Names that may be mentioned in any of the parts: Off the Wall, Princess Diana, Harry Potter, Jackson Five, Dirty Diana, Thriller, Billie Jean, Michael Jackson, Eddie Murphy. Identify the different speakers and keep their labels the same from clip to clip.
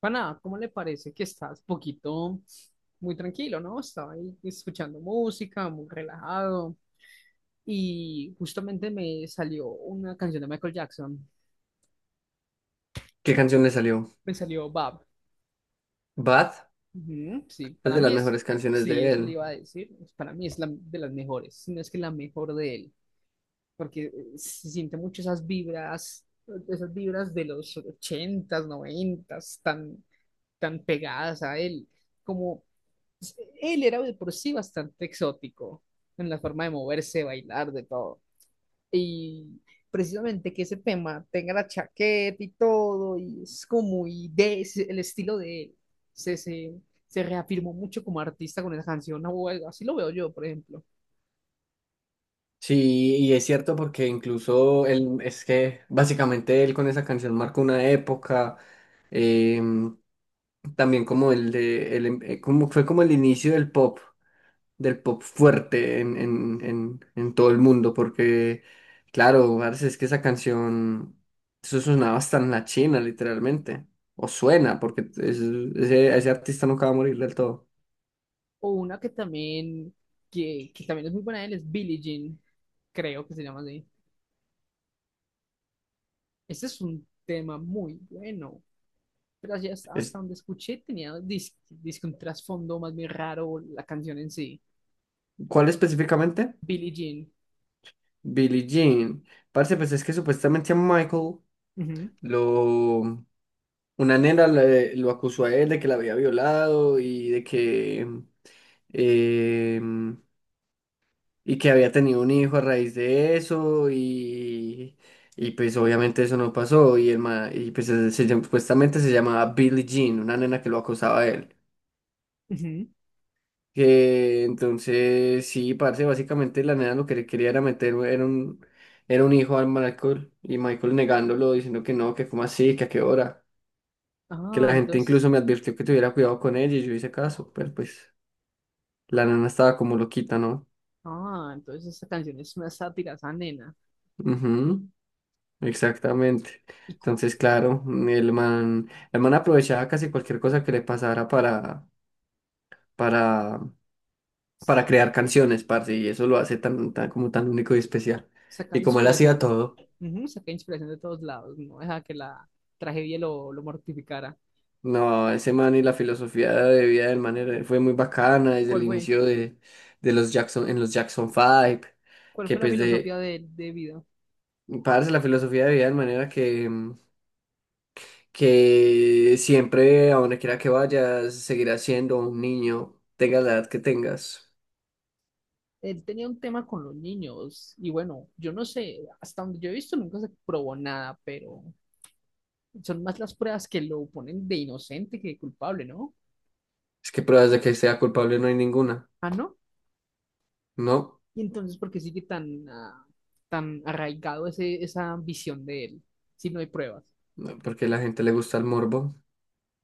Speaker 1: Pana, ¿cómo le parece que estás poquito muy tranquilo, no? Estaba ahí escuchando música, muy relajado, y justamente me salió una canción de Michael Jackson.
Speaker 2: ¿Qué canción le salió?
Speaker 1: Me salió Bob.
Speaker 2: Bad
Speaker 1: Ujú. Sí,
Speaker 2: es
Speaker 1: para
Speaker 2: de las
Speaker 1: mí es...
Speaker 2: mejores canciones
Speaker 1: Sí,
Speaker 2: de
Speaker 1: eso le
Speaker 2: él.
Speaker 1: iba a decir, pues, para mí es la de las mejores, si no es que la mejor de él, porque se siente mucho esas vibras de los ochentas, noventas, tan pegadas a él, como pues, él era de por sí bastante exótico en la forma de moverse, bailar, de todo. Y precisamente que ese tema tenga la chaqueta y todo, y es como muy de es el estilo de él. Se, se, se reafirmó mucho como artista con esa canción, o algo así lo veo yo, por ejemplo.
Speaker 2: Sí, y es cierto porque incluso él, es que básicamente él con esa canción marcó una época, em, también como el de, el em- como fue como el inicio del pop fuerte en todo el mundo, porque claro, parce, es que esa canción, eso sonaba hasta en la China literalmente, o suena, porque ese, ese artista nunca va a morir del todo.
Speaker 1: O una que también, que también es muy buena de él es Billie Jean, creo que se llama así. Este es un tema muy bueno. Pero así hasta
Speaker 2: Es-
Speaker 1: donde escuché tenía disque un trasfondo más bien raro la canción en sí.
Speaker 2: ¿Cuál específicamente?
Speaker 1: Billie Jean.
Speaker 2: Billie Jean. Parce, pues es que supuestamente a Michael
Speaker 1: Ujú,
Speaker 2: lo... Una nena lo acusó a él de que la había violado y de que... em, y que había tenido un hijo a raíz de eso y... Y pues obviamente eso no pasó y, y pues supuestamente se llamaba Billie Jean, una nena que lo acusaba a él.
Speaker 1: ujú.
Speaker 2: Entonces, sí, parce, básicamente la nena lo que le quería era meter era un hijo al Michael y Michael negándolo, diciendo que no, que cómo así, que a qué hora. Que
Speaker 1: Ah,
Speaker 2: la gente
Speaker 1: entonces,
Speaker 2: incluso me advirtió que tuviera cuidado con ella y yo hice caso, pero pues la nena estaba como loquita, ¿no?
Speaker 1: ah, entonces esta canción es una sátira a esa nena.
Speaker 2: Ujú, exactamente.
Speaker 1: y cu-
Speaker 2: Entonces, claro, el man aprovechaba casi cualquier cosa que le pasara para, para crear canciones, parce, y eso lo hace como tan único y especial.
Speaker 1: Saca
Speaker 2: Y como él hacía
Speaker 1: inspiración.
Speaker 2: todo.
Speaker 1: Ujú, saca inspiración de todos lados, no deja que la tragedia lo mortificara.
Speaker 2: No, ese man y la filosofía de vida del man fue muy bacana desde el
Speaker 1: ¿Cuál fue?
Speaker 2: inicio de los Jackson, en los Jackson Five
Speaker 1: ¿Cuál
Speaker 2: que
Speaker 1: fue la
Speaker 2: pues
Speaker 1: filosofía
Speaker 2: de,
Speaker 1: de vida?
Speaker 2: parce, la filosofía de vida de manera que, que siempre, a donde quiera que vayas, seguirás siendo un niño, tengas la edad que tengas.
Speaker 1: Él tenía un tema con los niños y bueno, yo no sé, hasta donde yo he visto nunca se probó nada, pero... Son más las pruebas que lo ponen de inocente que de culpable, ¿no?
Speaker 2: Es que pruebas de que sea culpable no hay ninguna,
Speaker 1: Ah, ¿no?
Speaker 2: ¿no?
Speaker 1: Y entonces, ¿por qué sigue tan arraigado esa visión de él si no hay pruebas?
Speaker 2: No, porque a la gente le gusta el morbo.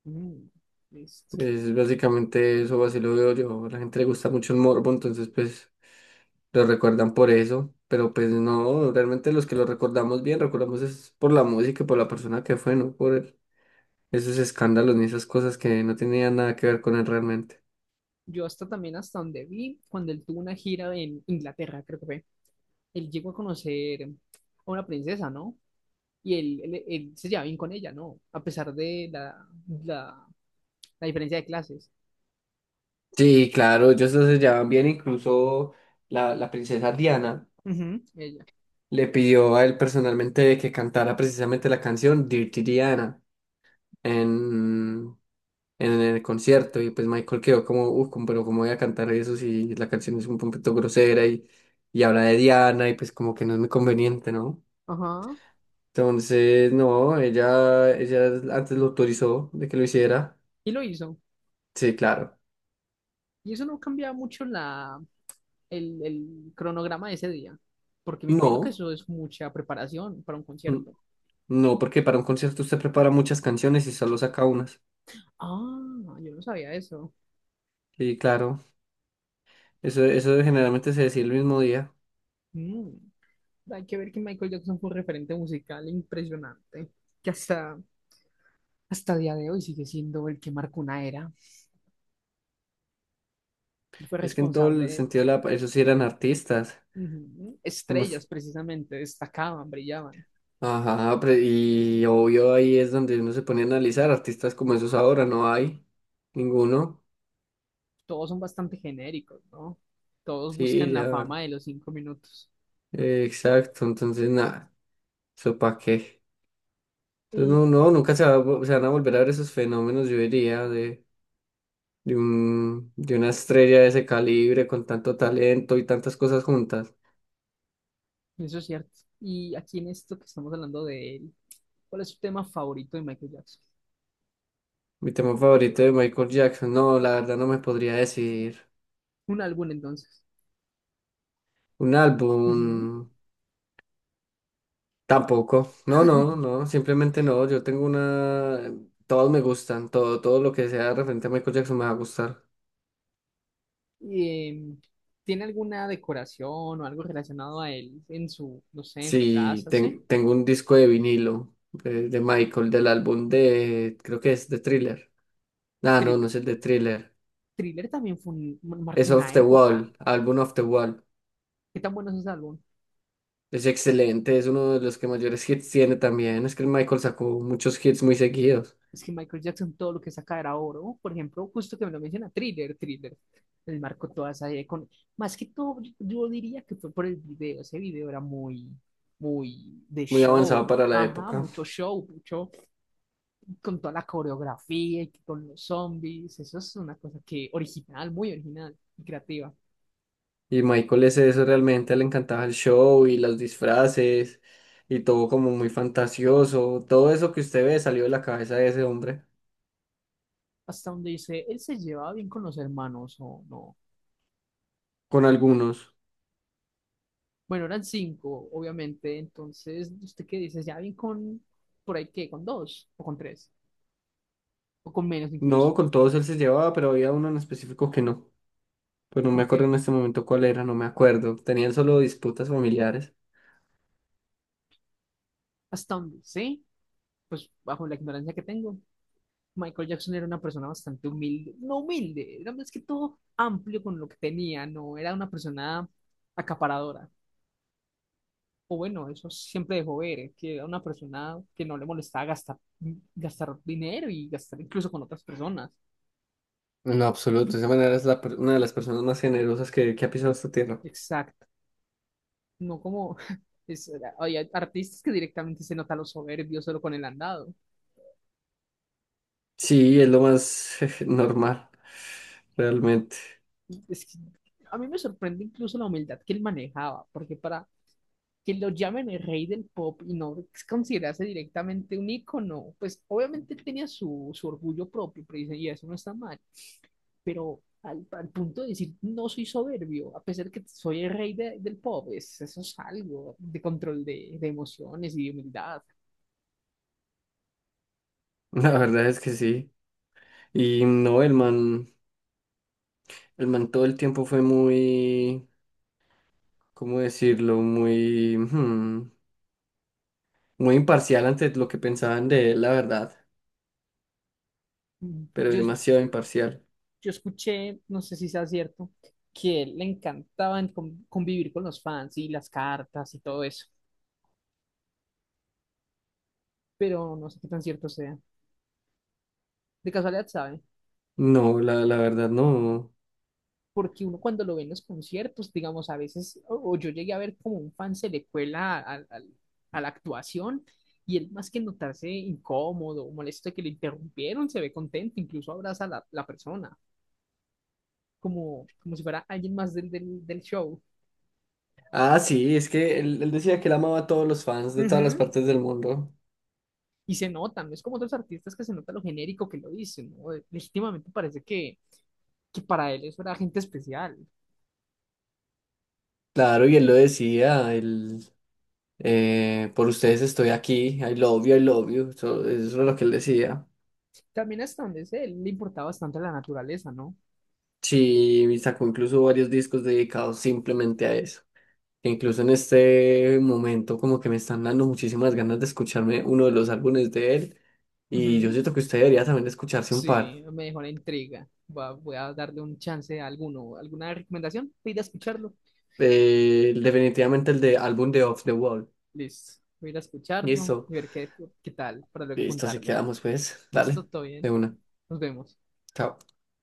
Speaker 1: Mm, listo.
Speaker 2: Es básicamente eso, así lo veo yo. A la gente le gusta mucho el morbo, entonces pues... lo recuerdan por eso, pero pues no, realmente los que lo recordamos bien, recordamos es por la música y por la persona que fue, no por el- esos escándalos ni esas cosas que no tenían nada que ver con él realmente.
Speaker 1: Yo hasta también hasta donde vi, cuando él tuvo una gira en Inglaterra, creo que fue, él llegó a conocer a una princesa, ¿no? Y él se llevaba bien con ella, ¿no? A pesar de la, la diferencia de clases.
Speaker 2: Sí, claro, ellos se llevaban bien, incluso la princesa Diana
Speaker 1: Ujú, ella.
Speaker 2: le pidió a él personalmente que cantara precisamente la canción Dirty Diana. en, en el concierto y pues Michael quedó como, uff, pero cómo voy a cantar eso si la canción es un poquito grosera y habla de Diana y pues como que no es muy conveniente, ¿no?
Speaker 1: Ajá.
Speaker 2: Entonces, no, ella antes lo autorizó de que lo hiciera.
Speaker 1: Y lo hizo.
Speaker 2: Sí, claro.
Speaker 1: Y eso no cambia mucho el cronograma de ese día, porque me imagino que
Speaker 2: No,
Speaker 1: eso es mucha preparación para un
Speaker 2: n-
Speaker 1: concierto.
Speaker 2: no, porque para un concierto usted prepara muchas canciones y solo saca unas.
Speaker 1: Ah, yo no sabía eso.
Speaker 2: Sí, claro. Eso generalmente se decía el mismo día.
Speaker 1: Mm. Hay que ver que Michael Jackson fue un referente musical impresionante, que hasta día de hoy sigue siendo el que marcó una era. Él fue
Speaker 2: Es que en todo
Speaker 1: responsable
Speaker 2: el
Speaker 1: de...
Speaker 2: sentido de la... Esos sí eran artistas.
Speaker 1: Ujú,
Speaker 2: Como
Speaker 1: estrellas, precisamente, destacaban, brillaban.
Speaker 2: ajá, y obvio ahí es donde uno se pone a analizar artistas como esos ahora, no hay ninguno.
Speaker 1: Todos son bastante genéricos, ¿no? Todos buscan
Speaker 2: Sí,
Speaker 1: la
Speaker 2: ya,
Speaker 1: fama de los 5 minutos.
Speaker 2: exacto, entonces nada, eso para qué. Entonces
Speaker 1: Y
Speaker 2: nunca se van a volver a ver esos fenómenos, yo diría, de, de una estrella de ese calibre con tanto talento y tantas cosas juntas.
Speaker 1: eso es cierto. Y aquí en esto que estamos hablando de él, ¿cuál es su tema favorito de Michael Jackson?
Speaker 2: Mi tema favorito de Michael Jackson, no, la verdad no me podría decir.
Speaker 1: Un álbum entonces.
Speaker 2: Un
Speaker 1: Ujú.
Speaker 2: álbum, tampoco, no, simplemente no, yo tengo una, todos me gustan, todo, todo lo que sea referente a Michael Jackson me va a gustar.
Speaker 1: Y, ¿tiene alguna decoración o algo relacionado a él en su, no sé, en su
Speaker 2: Sí,
Speaker 1: casa? ¿Sí?
Speaker 2: tengo un disco de vinilo de Michael, del álbum de, creo que es de Thriller. Ah, no,
Speaker 1: Thrill-
Speaker 2: no es el de Thriller,
Speaker 1: Thriller también marcó
Speaker 2: es Off
Speaker 1: una
Speaker 2: the
Speaker 1: época.
Speaker 2: Wall, álbum Off the Wall.
Speaker 1: ¿Qué tan bueno es ese álbum?
Speaker 2: Es excelente, es uno de los que mayores hits tiene también, es que el Michael sacó muchos hits muy seguidos,
Speaker 1: Es que Michael Jackson todo lo que saca era oro. Por ejemplo, justo que me lo menciona, Thriller, Thriller. Él marcó toda esa idea con... Más que todo, yo diría que fue por el video. Ese video era muy, muy de
Speaker 2: muy avanzado
Speaker 1: show.
Speaker 2: para la
Speaker 1: Ajá,
Speaker 2: época.
Speaker 1: mucho show, mucho... con toda la coreografía y con los zombies. Eso es una cosa que original, muy original y creativa.
Speaker 2: Y Michael es eso, realmente le encantaba el show y los disfraces y todo como muy fantasioso. Todo eso que usted ve salió de la cabeza de ese hombre.
Speaker 1: Hasta donde dice, él se llevaba bien con los hermanos o no.
Speaker 2: Con algunos.
Speaker 1: Bueno, eran cinco, obviamente. Entonces, ¿usted qué dice? ¿Ya bien con, por ahí qué, con dos o con tres? O con menos incluso,
Speaker 2: No, con todos él se llevaba, pero había uno en específico que no. Pues no me acuerdo
Speaker 1: porque
Speaker 2: en este momento cuál era, no me acuerdo. Tenían solo disputas familiares.
Speaker 1: hasta donde sé, pues bajo la ignorancia que tengo, Michael Jackson era una persona bastante humilde, no humilde, era más que todo amplio con lo que tenía, no era una persona acaparadora. O bueno, eso siempre dejó ver, que era una persona que no le molestaba gastar, gastar dinero y gastar incluso con otras personas.
Speaker 2: En absoluto, de esa manera es una de las personas más generosas que ha pisado esta tierra.
Speaker 1: Exacto. No como es- hay artistas que directamente se nota los soberbios solo con el andado.
Speaker 2: Sí, es lo más normal, realmente.
Speaker 1: Es que a mí me sorprende incluso la humildad que él manejaba, porque para que lo llamen el rey del pop y no considerarse directamente un ícono, pues obviamente él tenía su orgullo propio, pero dice, y eso no está mal, pero al punto de decir, no soy soberbio, a pesar de que soy el rey del pop, es, eso es algo de control de, emociones y de humildad.
Speaker 2: La verdad es que sí. Y no, el man. El man todo el tiempo fue muy, ¿cómo decirlo? Muy, muy imparcial ante lo que pensaban de él, la verdad, pero
Speaker 1: Yo,
Speaker 2: demasiado imparcial.
Speaker 1: yo escuché, no sé si sea cierto, que él le encantaba en convivir con los fans y las cartas y todo eso. Pero no sé qué tan cierto sea. De casualidad, ¿sabe?
Speaker 2: No, la verdad no.
Speaker 1: Porque uno cuando lo ve en los conciertos, digamos, a veces, o yo llegué a ver como un fan se le cuela a la actuación y él más que notarse incómodo o molesto de que le interrumpieron, se ve contento, incluso abraza a la persona, como si fuera alguien más del show.
Speaker 2: Ah, sí, es que él decía que él amaba a todos los fans de todas las
Speaker 1: Ujú.
Speaker 2: partes del mundo.
Speaker 1: Y se nota, no es como otros artistas que se nota lo genérico que lo dicen, ¿no? Legítimamente parece que para él eso era gente especial.
Speaker 2: Claro, y él lo decía, él, por ustedes estoy aquí, I love you, eso era lo que él decía.
Speaker 1: También hasta donde sé, él le importaba bastante la naturaleza, ¿no?
Speaker 2: Sí, y sacó incluso varios discos dedicados simplemente a eso, que incluso en este momento como que me están dando muchísimas ganas de escucharme uno de los álbumes de él y yo
Speaker 1: Ujú.
Speaker 2: siento que usted debería también escucharse un par.
Speaker 1: Sí, me dejó la intriga. Voy a darle un chance a alguno. ¿Alguna recomendación? Voy a ir a escucharlo.
Speaker 2: Definitivamente el de álbum de Off the Wall.
Speaker 1: Listo. Voy a ir a escucharlo y
Speaker 2: Listo,
Speaker 1: ver qué tal para luego
Speaker 2: listo, así
Speaker 1: contarle.
Speaker 2: quedamos pues.
Speaker 1: Listo,
Speaker 2: Dale,
Speaker 1: todo
Speaker 2: de
Speaker 1: bien.
Speaker 2: una.
Speaker 1: Nos vemos.
Speaker 2: Chao.